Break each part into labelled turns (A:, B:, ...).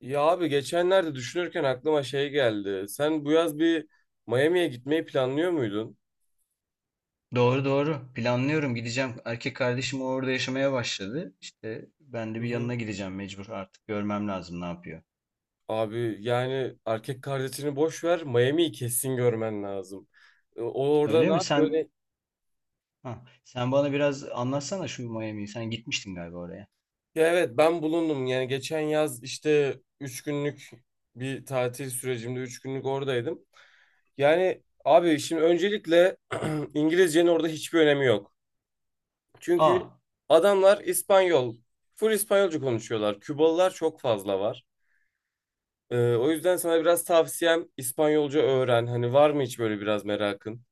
A: Ya abi geçenlerde düşünürken aklıma şey geldi. Sen bu yaz bir Miami'ye gitmeyi planlıyor muydun?
B: Doğru doğru. Planlıyorum gideceğim. Erkek kardeşim orada yaşamaya başladı. İşte ben
A: Hı
B: de bir
A: hı.
B: yanına gideceğim mecbur artık. Görmem lazım ne yapıyor.
A: Abi yani erkek kardeşini boş ver, Miami'yi kesin görmen lazım. E, o orada
B: Öyle
A: ne
B: mi?
A: yapıyor?
B: Sen bana biraz anlatsana şu Miami'yi. Sen gitmiştin galiba oraya.
A: Ya evet, ben bulundum yani geçen yaz işte 3 günlük bir tatil sürecimde 3 günlük oradaydım. Yani abi şimdi öncelikle İngilizcenin orada hiçbir önemi yok.
B: Aa,
A: Çünkü adamlar İspanyol, full İspanyolca konuşuyorlar. Kübalılar çok fazla var. O yüzden sana biraz tavsiyem İspanyolca öğren. Hani var mı hiç böyle biraz merakın?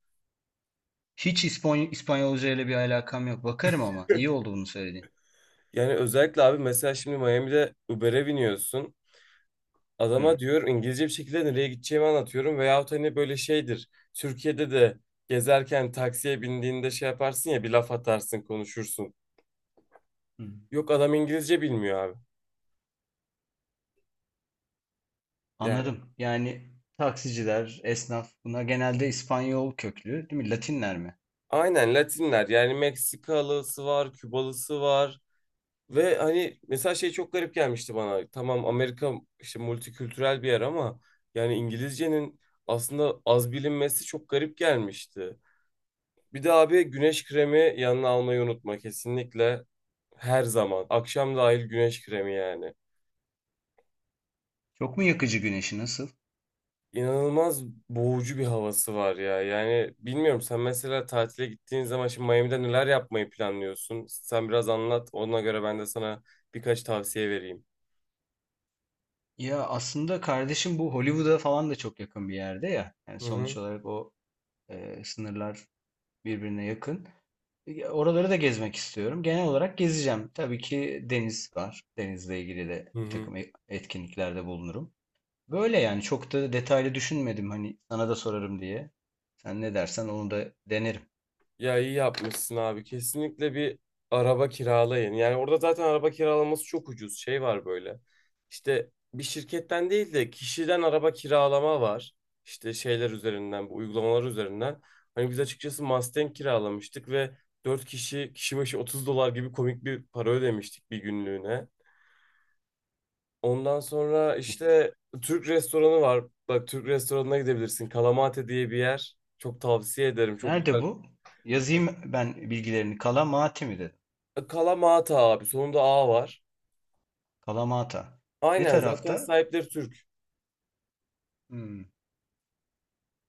B: hiç İspanyolca ile bir alakam yok. Bakarım ama. İyi oldu bunu söylediğin.
A: Yani özellikle abi mesela şimdi Miami'de Uber'e biniyorsun.
B: Hı,
A: Adama diyor, İngilizce bir şekilde nereye gideceğimi anlatıyorum. Veyahut hani böyle şeydir. Türkiye'de de gezerken taksiye bindiğinde şey yaparsın ya, bir laf atarsın, konuşursun.
B: hı.
A: Yok, adam İngilizce bilmiyor abi. Yani
B: Anladım. Yani taksiciler, esnaf bunlar genelde İspanyol köklü, değil mi? Latinler mi?
A: aynen Latinler, yani Meksikalısı var, Kübalısı var. Ve hani mesela şey çok garip gelmişti bana. Tamam, Amerika işte multikültürel bir yer ama yani İngilizcenin aslında az bilinmesi çok garip gelmişti. Bir de abi güneş kremi yanına almayı unutma kesinlikle. Her zaman. Akşam dahil güneş kremi yani.
B: Çok mu yakıcı güneşi nasıl?
A: İnanılmaz boğucu bir havası var ya. Yani bilmiyorum, sen mesela tatile gittiğin zaman şimdi Miami'de neler yapmayı planlıyorsun? Sen biraz anlat. Ona göre ben de sana birkaç tavsiye vereyim.
B: Ya aslında kardeşim bu Hollywood'a falan da çok yakın bir yerde ya. Yani
A: Hı hı.
B: sonuç olarak o sınırlar birbirine yakın. Oraları da gezmek istiyorum. Genel olarak gezeceğim. Tabii ki deniz var. Denizle ilgili de
A: Hı
B: bir
A: hı.
B: takım etkinliklerde bulunurum. Böyle yani çok da detaylı düşünmedim hani sana da sorarım diye. Sen ne dersen onu da denerim.
A: Ya iyi yapmışsın abi. Kesinlikle bir araba kiralayın. Yani orada zaten araba kiralaması çok ucuz. Şey var böyle. İşte bir şirketten değil de kişiden araba kiralama var. İşte şeyler üzerinden, bu uygulamalar üzerinden. Hani biz açıkçası Mustang kiralamıştık ve 4 kişi kişi başı 30 dolar gibi komik bir para ödemiştik bir günlüğüne. Ondan sonra
B: E,
A: işte Türk restoranı var. Bak, Türk restoranına gidebilirsin. Kalamate diye bir yer. Çok tavsiye ederim. Çok
B: Nerede
A: güzel.
B: bu? Yazayım ben bilgilerini. Kalamata mi dedim?
A: Kalamata abi. Sonunda A var.
B: Kalamata. Ne
A: Aynen, zaten
B: tarafta?
A: sahipleri Türk.
B: Hmm,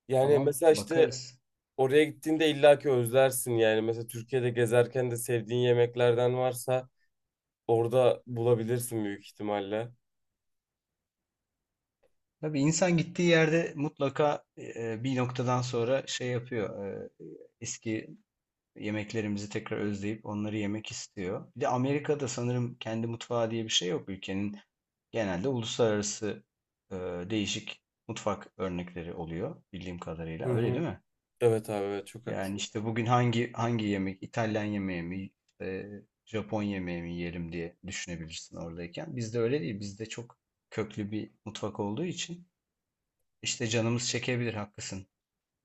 A: Yani
B: tamam,
A: mesela işte
B: bakarız.
A: oraya gittiğinde illaki özlersin yani. Mesela Türkiye'de gezerken de sevdiğin yemeklerden varsa orada bulabilirsin büyük ihtimalle.
B: Tabii insan gittiği yerde mutlaka bir noktadan sonra şey yapıyor. Eski yemeklerimizi tekrar özleyip onları yemek istiyor. Bir de Amerika'da sanırım kendi mutfağı diye bir şey yok. Ülkenin genelde uluslararası e, değişik mutfak örnekleri oluyor bildiğim
A: Hı
B: kadarıyla. Öyle
A: hı.
B: değil mi?
A: Evet abi, evet çok
B: Yani
A: haklısın.
B: işte bugün hangi yemek, İtalyan yemeği mi, e, Japon yemeği mi yiyelim diye düşünebilirsin oradayken. Bizde öyle değil. Bizde çok köklü bir mutfak olduğu için. İşte canımız çekebilir, haklısın.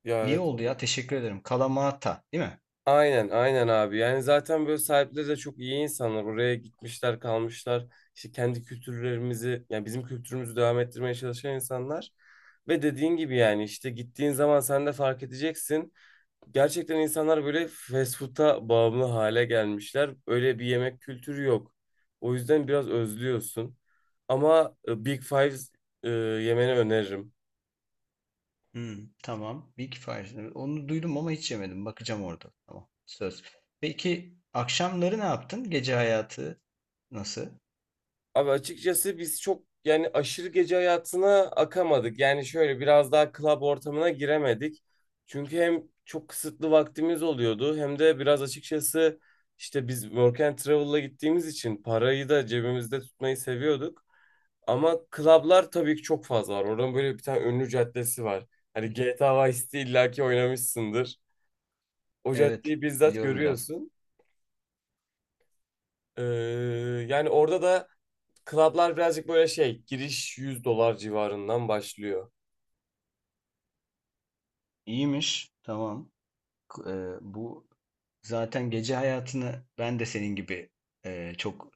A: Ya
B: İyi
A: evet,
B: oldu
A: evet.
B: ya, teşekkür ederim. Kalamata, değil mi?
A: Aynen aynen abi. Yani zaten böyle sahipleri de çok iyi insanlar. Oraya gitmişler, kalmışlar. İşte kendi kültürlerimizi, yani bizim kültürümüzü devam ettirmeye çalışan insanlar. Ve dediğin gibi yani işte gittiğin zaman sen de fark edeceksin. Gerçekten insanlar böyle fast food'a bağımlı hale gelmişler. Öyle bir yemek kültürü yok. O yüzden biraz özlüyorsun. Ama Big Fives yemeni öneririm.
B: Hmm, tamam. Big Five. Onu duydum ama hiç yemedim. Bakacağım orada. Tamam. Söz. Peki akşamları ne yaptın? Gece hayatı nasıl?
A: Abi açıkçası biz çok yani aşırı gece hayatına akamadık. Yani şöyle biraz daha club ortamına giremedik. Çünkü hem çok kısıtlı vaktimiz oluyordu hem de biraz açıkçası işte biz work and travel'la gittiğimiz için parayı da cebimizde tutmayı seviyorduk. Ama klablar tabii ki çok fazla var. Oradan böyle bir tane ünlü caddesi var. Hani GTA Vice City illaki oynamışsındır. O
B: Evet,
A: caddeyi bizzat
B: biliyorum biraz.
A: görüyorsun. Ee, yani orada da klablar birazcık böyle şey, giriş 100 dolar civarından başlıyor.
B: İyiymiş. Tamam. K- e, Bu zaten gece hayatını ben de senin gibi çok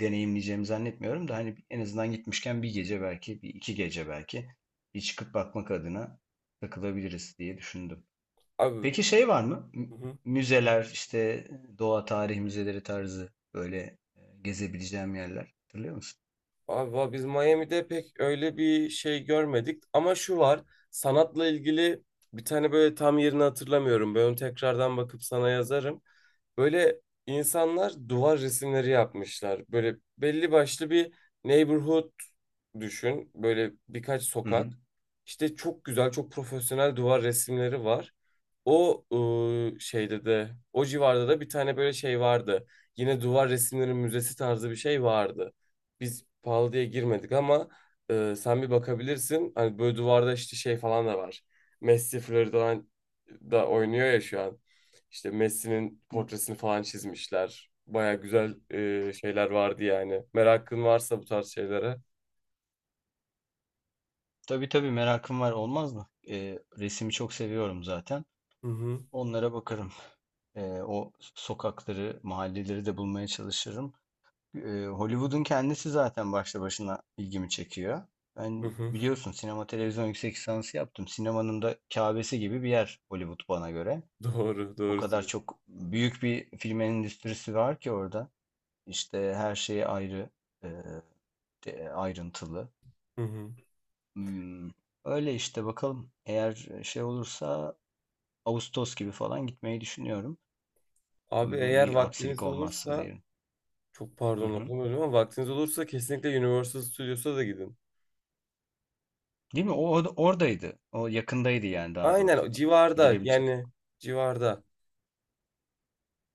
B: deneyimleyeceğimi zannetmiyorum da hani en azından gitmişken bir gece belki, bir iki gece belki bir çıkıp bakmak adına takılabiliriz diye düşündüm.
A: Abi.
B: Peki şey var mı?
A: Hı hı.
B: Müzeler, işte doğa tarih müzeleri tarzı böyle gezebileceğim yerler. Hatırlıyor musun?
A: Abi biz Miami'de pek öyle bir şey görmedik. Ama şu var, sanatla ilgili bir tane böyle, tam yerini hatırlamıyorum. Ben onu tekrardan bakıp sana yazarım. Böyle insanlar duvar resimleri yapmışlar. Böyle belli başlı bir neighborhood düşün. Böyle birkaç
B: Hı hı.
A: sokak. İşte çok güzel, çok profesyonel duvar resimleri var. O şeyde de, o civarda da bir tane böyle şey vardı. Yine duvar resimleri müzesi tarzı bir şey vardı. Biz pahalı diye girmedik ama sen bir bakabilirsin. Hani böyle duvarda işte şey falan da var. Messi Florida'dan da oynuyor ya şu an. İşte Messi'nin
B: Hı.
A: portresini falan çizmişler. Baya güzel şeyler vardı yani. Merakın varsa bu tarz şeylere.
B: Tabii tabii, merakım var olmaz mı? Resimi çok seviyorum zaten.
A: Hı hı.
B: Onlara bakarım. O sokakları, mahalleleri de bulmaya çalışırım. Hollywood'un kendisi zaten başlı başına ilgimi çekiyor.
A: Hı
B: Ben
A: hı.
B: biliyorsun sinema televizyon yüksek lisansı yaptım. Sinemanın da Kâbesi gibi bir yer Hollywood bana göre.
A: Doğru,
B: O
A: doğru
B: kadar
A: diyorsun.
B: çok büyük bir film endüstrisi var ki orada. İşte her şey ayrı, eee, ayrıntılı.
A: Hı hı.
B: Hmm, Öyle işte, bakalım. Eğer şey olursa Ağustos gibi falan gitmeyi düşünüyorum.
A: Abi
B: Uygun
A: eğer
B: bir aksilik
A: vaktiniz
B: olmazsa
A: olursa,
B: diyelim.
A: çok
B: Hı
A: pardon
B: hı.
A: lafımı böldüm, ama vaktiniz olursa kesinlikle Universal Studios'a da gidin.
B: Değil mi? O oradaydı. O yakındaydı yani, daha
A: Aynen, o
B: doğrusu.
A: civarda
B: Gidilebilecek.
A: yani, civarda.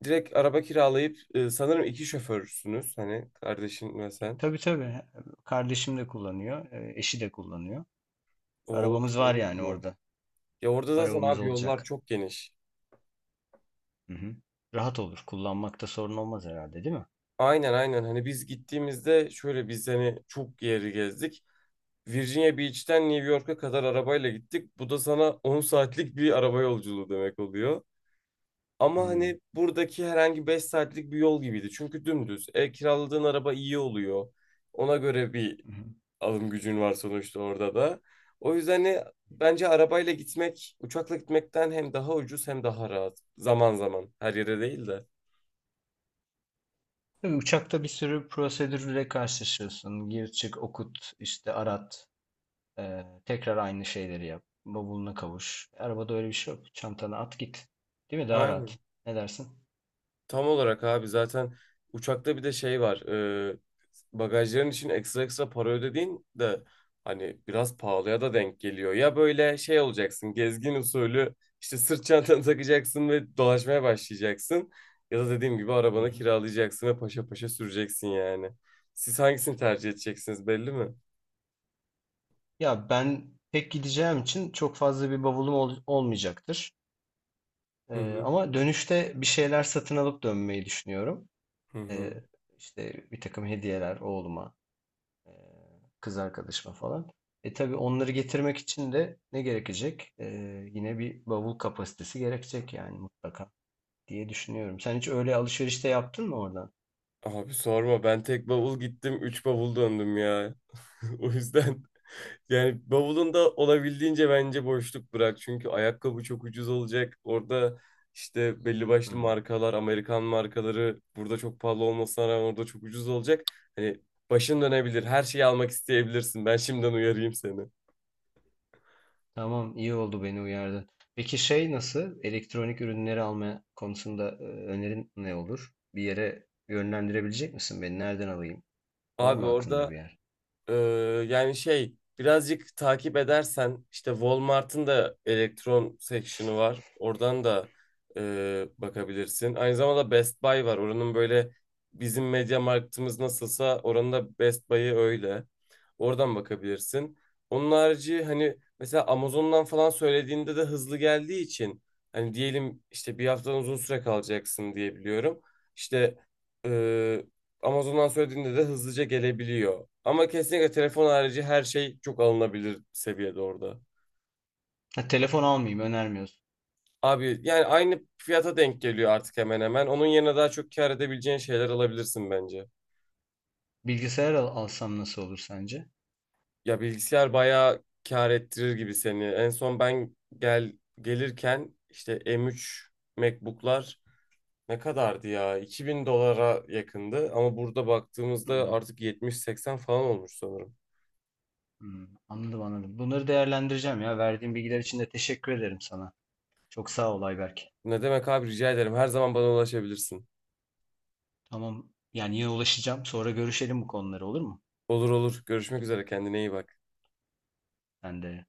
A: Direkt araba kiralayıp, sanırım iki şoförsünüz hani, kardeşin ve sen.
B: Tabii tabii. Kardeşim de kullanıyor, eşi de kullanıyor.
A: Oo,
B: Arabamız
A: tamam
B: var
A: o
B: yani
A: zaman.
B: orada.
A: Ya orada zaten
B: Arabamız
A: abi yollar
B: olacak.
A: çok geniş.
B: Hı hı. Rahat olur. Kullanmakta sorun olmaz herhalde, değil mi?
A: Aynen aynen, hani biz gittiğimizde şöyle, biz hani çok yeri gezdik. Virginia Beach'ten New York'a kadar arabayla gittik. Bu da sana 10 saatlik bir araba yolculuğu demek oluyor.
B: Hı
A: Ama
B: hı.
A: hani buradaki herhangi 5 saatlik bir yol gibiydi. Çünkü dümdüz. E, kiraladığın araba iyi oluyor. Ona göre bir alım gücün var sonuçta orada da. O yüzden hani bence arabayla gitmek, uçakla gitmekten hem daha ucuz hem daha rahat. Zaman zaman. Her yere değil de.
B: Tabii uçakta bir sürü prosedürle karşılaşıyorsun. Gir çık, okut, işte arat, tekrar aynı şeyleri yap. Bavuluna kavuş. Arabada öyle bir şey yok. Çantana at git. Değil mi? Daha rahat.
A: Aynen.
B: Ne dersin?
A: Tam olarak abi, zaten uçakta bir de şey var. e, bagajların için ekstra ekstra para ödediğin de hani biraz pahalıya da denk geliyor. Ya böyle şey olacaksın, gezgin usulü işte sırt çantanı takacaksın ve dolaşmaya başlayacaksın. Ya da dediğim gibi
B: Hı
A: arabanı
B: hı.
A: kiralayacaksın ve paşa paşa süreceksin yani. Siz hangisini tercih edeceksiniz, belli mi?
B: Ya ben pek gideceğim için çok fazla bir bavulum olmayacaktır.
A: Hı hı.
B: Ama dönüşte bir şeyler satın alıp dönmeyi düşünüyorum.
A: Hı
B: Ee,
A: hı.
B: işte bir takım hediyeler oğluma, e, kız arkadaşıma falan. Tabii onları getirmek için de ne gerekecek? Yine bir bavul kapasitesi gerekecek yani mutlaka diye düşünüyorum. Sen hiç öyle alışverişte yaptın mı oradan?
A: Abi sorma, ben tek bavul gittim 3 bavul döndüm ya. O yüzden. Yani bavulunda olabildiğince bence boşluk bırak. Çünkü ayakkabı çok ucuz olacak. Orada işte belli başlı
B: Hmm.
A: markalar, Amerikan markaları burada çok pahalı olmasına rağmen orada çok ucuz olacak. Hani başın dönebilir. Her şeyi almak isteyebilirsin. Ben şimdiden uyarayım seni.
B: Tamam, iyi oldu beni uyardın. Peki şey nasıl? Elektronik ürünleri alma konusunda önerin ne olur? Bir yere yönlendirebilecek misin beni? Nereden alayım? Var
A: Abi
B: mı aklında
A: orada.
B: bir yer?
A: Ee, yani şey birazcık takip edersen işte Walmart'ın da elektron section'ı var. Oradan da bakabilirsin. Aynı zamanda Best Buy var. Oranın böyle, bizim Media Markt'ımız nasılsa oranın da Best Buy'ı öyle. Oradan bakabilirsin. Onun harici hani mesela Amazon'dan falan söylediğinde de hızlı geldiği için, hani diyelim işte bir haftadan uzun süre kalacaksın diye biliyorum. İşte e, Amazon'dan söylediğinde de hızlıca gelebiliyor. Ama kesinlikle telefon harici her şey çok alınabilir seviyede orada.
B: Ha, telefon almayayım önermiyorsun.
A: Abi yani aynı fiyata denk geliyor artık, hemen hemen. Onun yerine daha çok kâr edebileceğin şeyler alabilirsin bence.
B: Bilgisayar alsam nasıl olur sence?
A: Ya bilgisayar bayağı kâr ettirir gibi seni. En son ben gelirken işte M3 MacBook'lar ne kadardı ya? 2.000 dolara yakındı ama burada baktığımızda
B: Hmm,
A: artık 70-80 falan olmuş sanırım.
B: hmm, anladım anladım. Bunları değerlendireceğim ya. Verdiğin bilgiler için de teşekkür ederim sana. Çok sağ ol Ayberk.
A: Ne demek abi, rica ederim. Her zaman bana ulaşabilirsin.
B: Tamam, yani yine ulaşacağım. Sonra görüşelim bu konuları, olur mu?
A: Olur olur. Görüşmek üzere. Kendine iyi bak.
B: Ben de.